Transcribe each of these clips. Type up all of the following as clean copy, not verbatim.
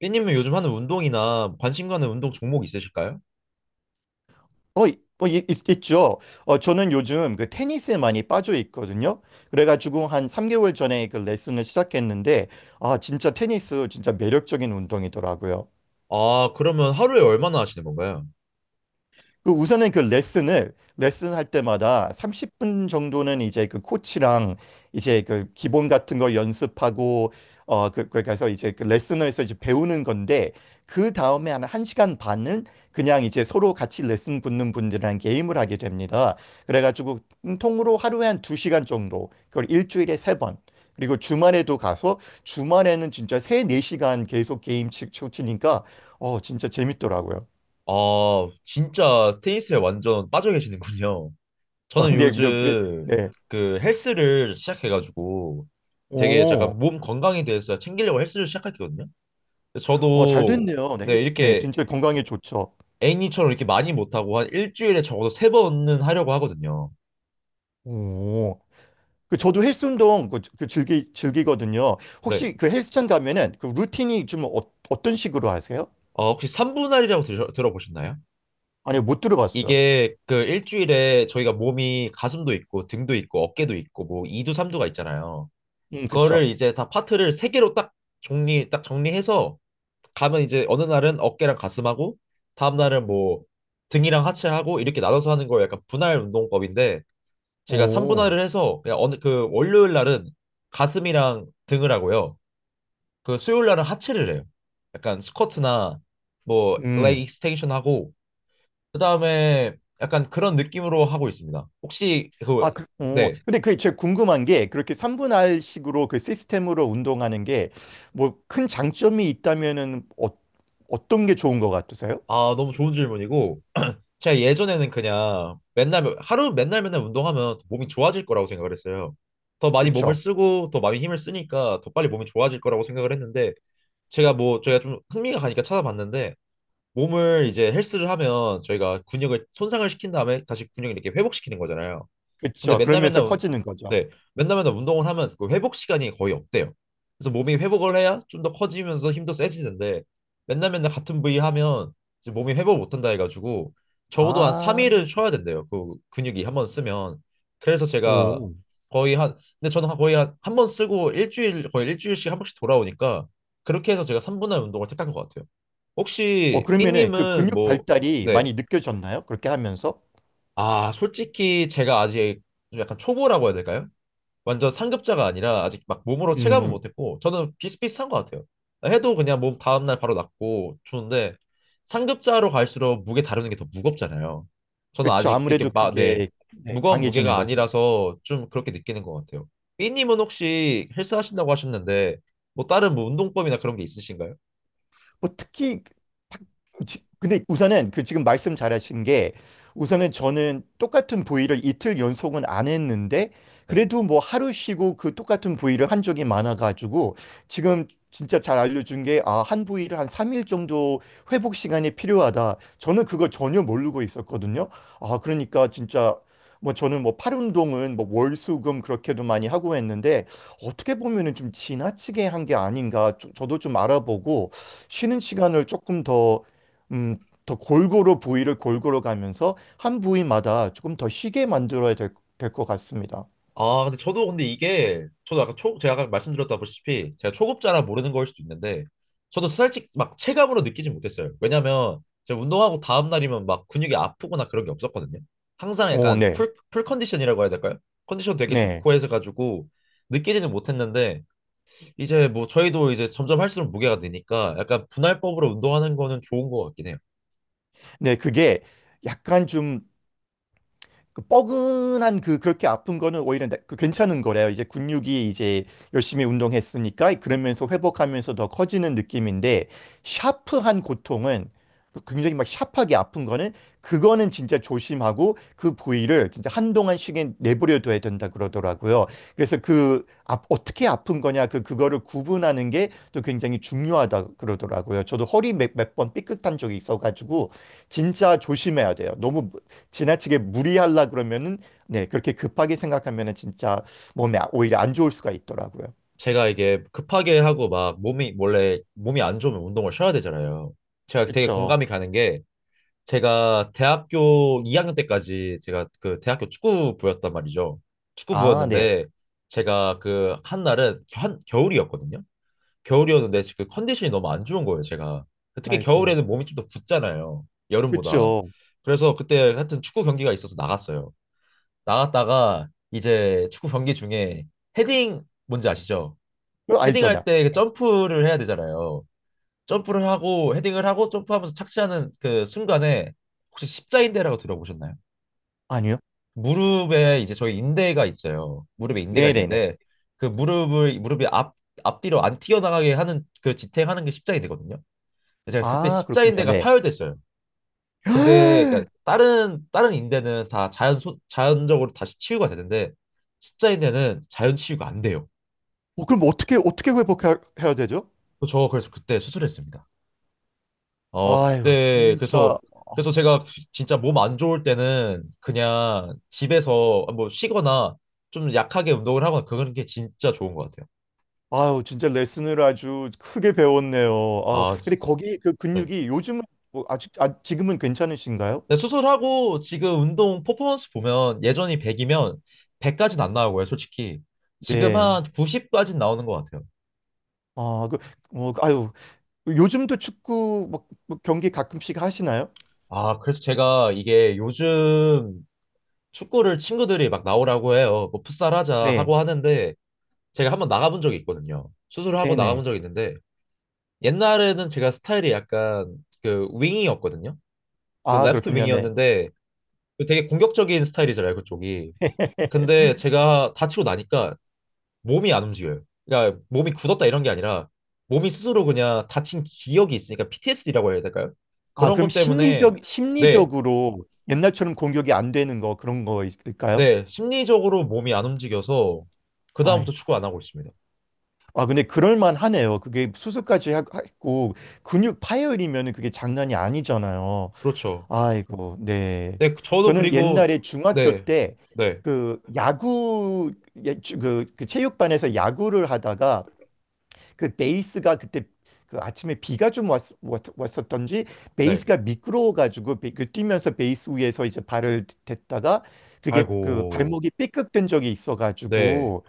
삐님은 요즘 하는 운동이나 관심 가는 운동 종목 있으실까요? 있죠. 저는 요즘 그 테니스에 많이 빠져 있거든요. 그래가지고 한 3개월 전에 그 레슨을 시작했는데, 아, 진짜 테니스 진짜 매력적인 운동이더라고요. 아, 그러면 하루에 얼마나 하시는 건가요? 그 우선은 그 레슨을 레슨할 때마다 30분 정도는 이제 그 코치랑 이제 그 기본 같은 거 연습하고 어그 그래서 이제 그 레슨을 해서 이제 배우는 건데 그 다음에 한 1시간 반을 그냥 이제 서로 같이 레슨 붙는 분들이랑 게임을 하게 됩니다. 그래가지고 통으로 하루에 한 2시간 정도 그걸 일주일에 3번 그리고 주말에도 가서 주말에는 진짜 세 네시간 계속 게임 치니까 진짜 재밌더라고요. 아, 진짜 테니스에 완전 빠져 계시는군요. 저는 네, 그래, 요즘 네. 그 헬스를 시작해가지고 되게 약간 오, 몸 건강에 대해서 챙기려고 헬스를 시작했거든요. 근데 잘 저도 됐네요. 네, 네, 헬스, 네, 이렇게 진짜 건강에 좋죠. 애니처럼 이렇게 많이 못하고 한 일주일에 적어도 세 번은 하려고 하거든요. 오, 그 저도 헬스 운동 그 즐기거든요. 네. 혹시 그 헬스장 가면은 그 루틴이 좀 어떤 식으로 하세요? 아, 혹시 삼분할이라고 들어보셨나요? 아니요, 못 들어봤어요. 이게 그 일주일에 저희가 몸이 가슴도 있고 등도 있고 어깨도 있고 뭐 2두 3두가 있잖아요. 그쵸. 그거를 이제 다 파트를 세 개로 딱 정리해서 가면 이제 어느 날은 어깨랑 가슴하고 다음 날은 뭐 등이랑 하체하고 이렇게 나눠서 하는 거 약간 분할 운동법인데 제가 오, 3분할을 해서 그냥 어느 그 월요일 날은 가슴이랑 등을 하고요. 그 수요일 날은 하체를 해요. 약간 스쿼트나 뭐 레그 음, 익스텐션 하고 그다음에 약간 그런 느낌으로 하고 있습니다. 혹시 그, 아, 그, 오, 네. 근데 그게 제가 궁금한 게 그렇게 3분할 식으로 그 시스템으로 운동하는 게 뭐 큰 장점이 있다면은 어떤 게 좋은 것 같으세요? 아, 너무 좋은 질문이고 제가 예전에는 그냥 맨날 하루 맨날 맨날 운동하면 몸이 좋아질 거라고 생각을 했어요. 더 많이 몸을 그쵸, 쓰고 더 많이 힘을 쓰니까 더 빨리 몸이 좋아질 거라고 생각을 했는데 제가 뭐 저희가 좀 흥미가 가니까 찾아봤는데 몸을 이제 헬스를 하면 저희가 근육을 손상을 시킨 다음에 다시 근육을 이렇게 회복시키는 거잖아요. 근데 그쵸. 그러면서 커지는 거죠. 네, 맨날 맨날 운동을 하면 그 회복 시간이 거의 없대요. 그래서 몸이 회복을 해야 좀 더 커지면서 힘도 세지는데 맨날 맨날 같은 부위 하면 이제 몸이 회복 못한다 해가지고 적어도 한 아, 3일은 쉬어야 된대요. 그 근육이 한번 쓰면 그래서 제가 오. 거의 한, 근데 저는 거의 한 한 번 쓰고 일주일 거의 일주일씩 한 번씩 돌아오니까 그렇게 해서 제가 3분할 운동을 택한 것 같아요. 혹시 그러면은 그 삐님은 근육 뭐, 발달이 네. 많이 느껴졌나요? 그렇게 하면서? 아, 솔직히 제가 아직 좀 약간 초보라고 해야 될까요? 완전 상급자가 아니라 아직 막 몸으로 체감은 음, 못했고 저는 비슷비슷한 것 같아요. 해도 그냥 몸 다음날 바로 낫고 좋은데 상급자로 갈수록 무게 다루는 게 더 무겁잖아요. 저는 그렇죠. 아직 이렇게 아무래도 막, 네, 그게 네, 무거운 강해지는 무게가 거죠. 아니라서 좀 그렇게 느끼는 것 같아요. 삐님은 혹시 헬스 하신다고 하셨는데 뭐 다른 뭐 운동법이나 그런 게 있으신가요? 뭐 특히 딱 근데 우선은 그 지금 말씀 잘하신 게 우선은 저는 똑같은 부위를 이틀 연속은 안 했는데 네. 그래도 뭐 하루 쉬고 그 똑같은 부위를 한 적이 많아가지고 지금 진짜 잘 알려준 게 아, 한 부위를 한 3일 정도 회복 시간이 필요하다. 저는 그거 전혀 모르고 있었거든요. 아, 그러니까 진짜 뭐 저는 뭐 팔 운동은 뭐 월수금 그렇게도 많이 하고 했는데 어떻게 보면은 좀 지나치게 한 게 아닌가 저도 좀 알아보고 쉬는 시간을 조금 더, 음, 더 골고루 부위를 골고루 가면서 한 부위마다 조금 더 쉬게 만들어야 될, 될 것 같습니다. 아, 근데 저도 근데 이게 저도 아까 초 제가 아까 말씀드렸다시피 제가 초급자라 모르는 거일 수도 있는데 저도 솔직히 막 체감으로 느끼지 못했어요. 왜냐면 제가 운동하고 다음 날이면 막 근육이 아프거나 그런 게 없었거든요. 항상 오, 약간 네. 풀 컨디션이라고 해야 될까요? 컨디션 되게 네. 좋고 해서 가지고 느끼지는 못했는데 이제 뭐 저희도 이제 점점 할수록 무게가 느니까 약간 분할법으로 운동하는 거는 좋은 것 같긴 해요. 네, 그게 약간 좀 그 뻐근한 그 그렇게 아픈 거는 오히려 그 괜찮은 거래요. 이제 근육이 이제 열심히 운동했으니까 그러면서 회복하면서 더 커지는 느낌인데 샤프한 고통은 굉장히 막 샤프하게 아픈 거는 그거는 진짜 조심하고 그 부위를 진짜 한동안 쉬게 내버려둬야 된다 그러더라고요. 그래서 그 아, 어떻게 아픈 거냐 그 그거를 구분하는 게 또 굉장히 중요하다 그러더라고요. 저도 허리 몇 번 삐끗한 적이 있어가지고 진짜 조심해야 돼요. 너무 지나치게 무리하려 그러면은 네, 그렇게 급하게 생각하면은 진짜 몸에 오히려 안 좋을 수가 있더라고요. 제가 이게 급하게 하고 막 몸이 원래 몸이 안 좋으면 운동을 쉬어야 되잖아요. 제가 되게 그쵸. 공감이 가는 게 제가 대학교 2학년 때까지 제가 그 대학교 축구부였단 말이죠. 아, 네. 축구부였는데 제가 그 한 날은 한 겨울이었거든요. 겨울이었는데 그 컨디션이 너무 안 좋은 거예요, 제가. 특히 아이고. 겨울에는 몸이 좀 더 붓잖아요. 여름보다. 그쵸. 그래서 그때 하여튼 축구 경기가 있어서 나갔어요. 나갔다가 이제 축구 경기 중에 헤딩 뭔지 아시죠? 그거 알죠, 헤딩할 나. 때그 네. 점프를 해야 되잖아요. 점프를 하고 헤딩을 하고 점프하면서 착지하는 그 순간에 혹시 십자인대라고 들어보셨나요? 아니요? 무릎에 이제 저희 인대가 있어요. 무릎에 인대가 네네네. 있는데 그 무릎을 무릎이 앞 앞뒤로 안 튀어나가게 하는 그 지탱하는 게 십자인대거든요. 제가 그때 아, 그렇군요. 십자인대가 네. 파열됐어요. 근데 그러니까 다른 인대는 다 자연적으로 다시 치유가 되는데 십자인대는 자연 치유가 안 돼요. 그럼 어떻게, 어떻게 회복해야 되죠? 저 그래서 그때 수술했습니다. 어, 아유, 그때, 그래서, 진짜. 그래서 제가 진짜 몸 안 좋을 때는 그냥 집에서 뭐 쉬거나 좀 약하게 운동을 하거나 그런 게 진짜 좋은 것 같아요. 아유, 진짜 레슨을 아주 크게 배웠네요. 아우, 아, 근데 거기 그 네. 근육이 요즘은 뭐 아직, 아, 지금은 괜찮으신가요? 근데 수술하고 지금 운동 퍼포먼스 보면 예전이 100이면 100까지는 안 나오고요, 솔직히. 지금 네. 한 90까지는 나오는 것 같아요. 아, 그, 뭐, 아유, 요즘도 축구 뭐, 뭐 경기 가끔씩 하시나요? 아, 그래서 제가 이게 요즘 축구를 친구들이 막 나오라고 해요. 뭐 풋살 하자 네. 하고 하는데 제가 한번 나가본 적이 있거든요. 수술을 하고 네네. 나가본 적이 있는데 옛날에는 제가 스타일이 약간 그 윙이었거든요. 저 아, 레프트 그렇군요. 네. 윙이었는데 그 되게 공격적인 스타일이잖아요, 그쪽이. 근데 제가 다치고 나니까 몸이 안 움직여요. 그러니까 몸이 굳었다 이런 게 아니라 몸이 스스로 그냥 다친 기억이 있으니까 PTSD라고 해야 될까요? 아, 그런 그럼 것 때문에 심리적, 네, 심리적으로 옛날처럼 공격이 안 되는 거, 그런 거일까요? 네, 심리적으로 몸이 안 움직여서 그다음부터 아이고. 축구 안 하고 있습니다. 아, 근데 그럴만 하네요. 그게 수술까지 했고, 근육 파열이면은 그게 장난이 아니잖아요. 그렇죠. 아이고, 네. 네, 저도. 저는 그리고 옛날에 중학교 네, 때 네, 그 야구, 예, 그 체육반에서 야구를 하다가 그 베이스가 그때 그 아침에 비가 좀 왔었던지 네. 베이스가 미끄러워가지고 그 뛰면서 베이스 위에서 이제 발을 댔다가 그게 그 아이고, 발목이 삐걱된 적이 네, 있어가지고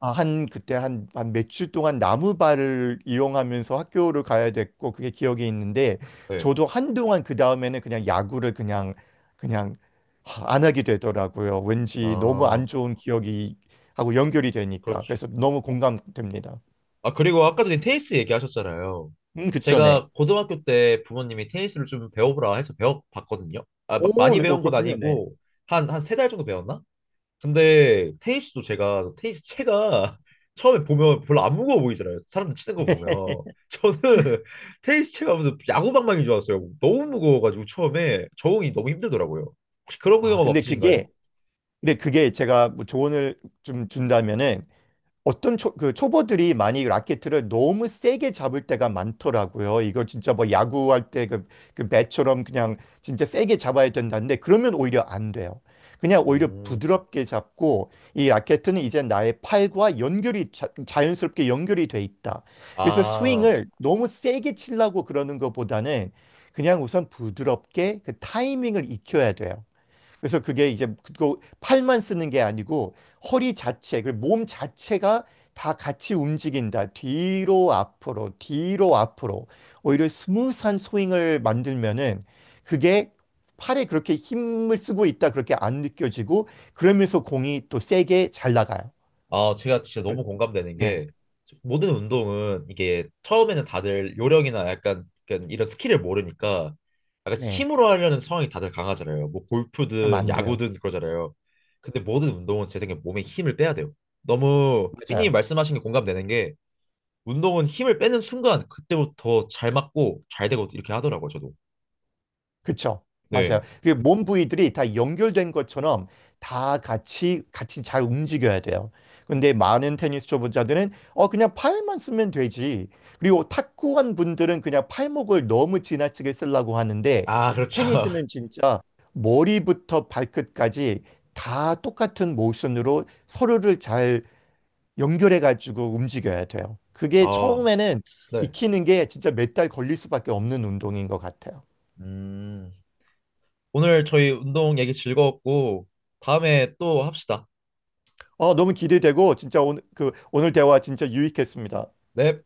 아, 한 그때 한 몇 주 동안 나무발을 이용하면서 학교를 가야 됐고 그게 기억에 있는데 네. 저도 한동안 그 다음에는 그냥 야구를 그냥 그냥 안 하게 되더라고요. 왠지 너무 아. 안 좋은 기억이 하고 연결이 되니까 그렇죠. 그래서 너무 공감됩니다. 아, 그리고 아까 전에 테니스 얘기하셨잖아요. 그쵸, 네. 제가 고등학교 때 부모님이 테니스를 좀 배워보라 해서 배워봤거든요. 아, 막 오, 많이 네, 배운 건 그렇군요. 네. 아니고, 한 세 달 정도 배웠나? 근데 테니스도 제가, 테니스 채가 처음에 보면 별로 안 무거워 보이잖아요. 사람들 치는 거 보면. 저는 테니스 채가 무슨 야구방망이인 줄 알았어요. 너무 무거워가지고 처음에 적응이 너무 힘들더라고요. 혹시 그런 아, 경험 근데 없으신가요? 그게, 근데 그게 제가 뭐 조언을 좀 준다면은 어떤 그 초보들이 많이 라켓을 너무 세게 잡을 때가 많더라고요. 이걸 진짜 뭐 야구할 때 그, 그 배처럼 그냥 진짜 세게 잡아야 된다는데 그러면 오히려 안 돼요. 그냥 오히려 음, 부드럽게 잡고 이 라켓은 이제 나의 팔과 연결이 연스럽게 연결이 돼 있다. 그래서 아, 스윙을 너무 세게 치려고 그러는 것보다는 그냥 우선 부드럽게 그 타이밍을 익혀야 돼요. 그래서 그게 이제 그 팔만 쓰는 게 아니고 허리 자체, 그 몸 자체가 다 같이 움직인다. 뒤로 앞으로, 뒤로 앞으로. 오히려 스무스한 스윙을 만들면은 그게 팔에 그렇게 힘을 쓰고 있다. 그렇게 안 느껴지고 그러면서 공이 또 세게 잘 나가요. 제가 진짜 너무 공감되는 네, 게 모든 운동은 이게 처음에는 다들 요령이나 약간 이런 스킬을 모르니까 약간 네. 힘으로 하려는 성향이 다들 강하잖아요. 뭐 그럼 골프든 안 돼요. 야구든 그러잖아요. 근데 모든 운동은 제 생각에 몸에 힘을 빼야 돼요. 너무 삐님 맞아요. 말씀하신 게 공감되는 게 운동은 힘을 빼는 순간 그때부터 잘 맞고 잘 되고 이렇게 하더라고요, 저도. 그쵸? 맞아요. 네. 그 몸 부위들이 다 연결된 것처럼 다 같이 같이 잘 움직여야 돼요. 근데 많은 테니스 초보자들은 그냥 팔만 쓰면 되지. 그리고 탁구한 분들은 그냥 팔목을 너무 지나치게 쓰려고 하는데 아, 그렇죠. 테니스는 진짜 머리부터 발끝까지 다 똑같은 모션으로 서로를 잘 연결해 가지고 움직여야 돼요. 그게 어, 처음에는 네. 익히는 게 진짜 몇 달 걸릴 수밖에 없는 운동인 것 같아요. 음, 오늘 저희 운동 얘기 즐거웠고 다음에 또 합시다. 너무 기대되고 진짜 오늘 그 오늘 대화 진짜 유익했습니다. 넵.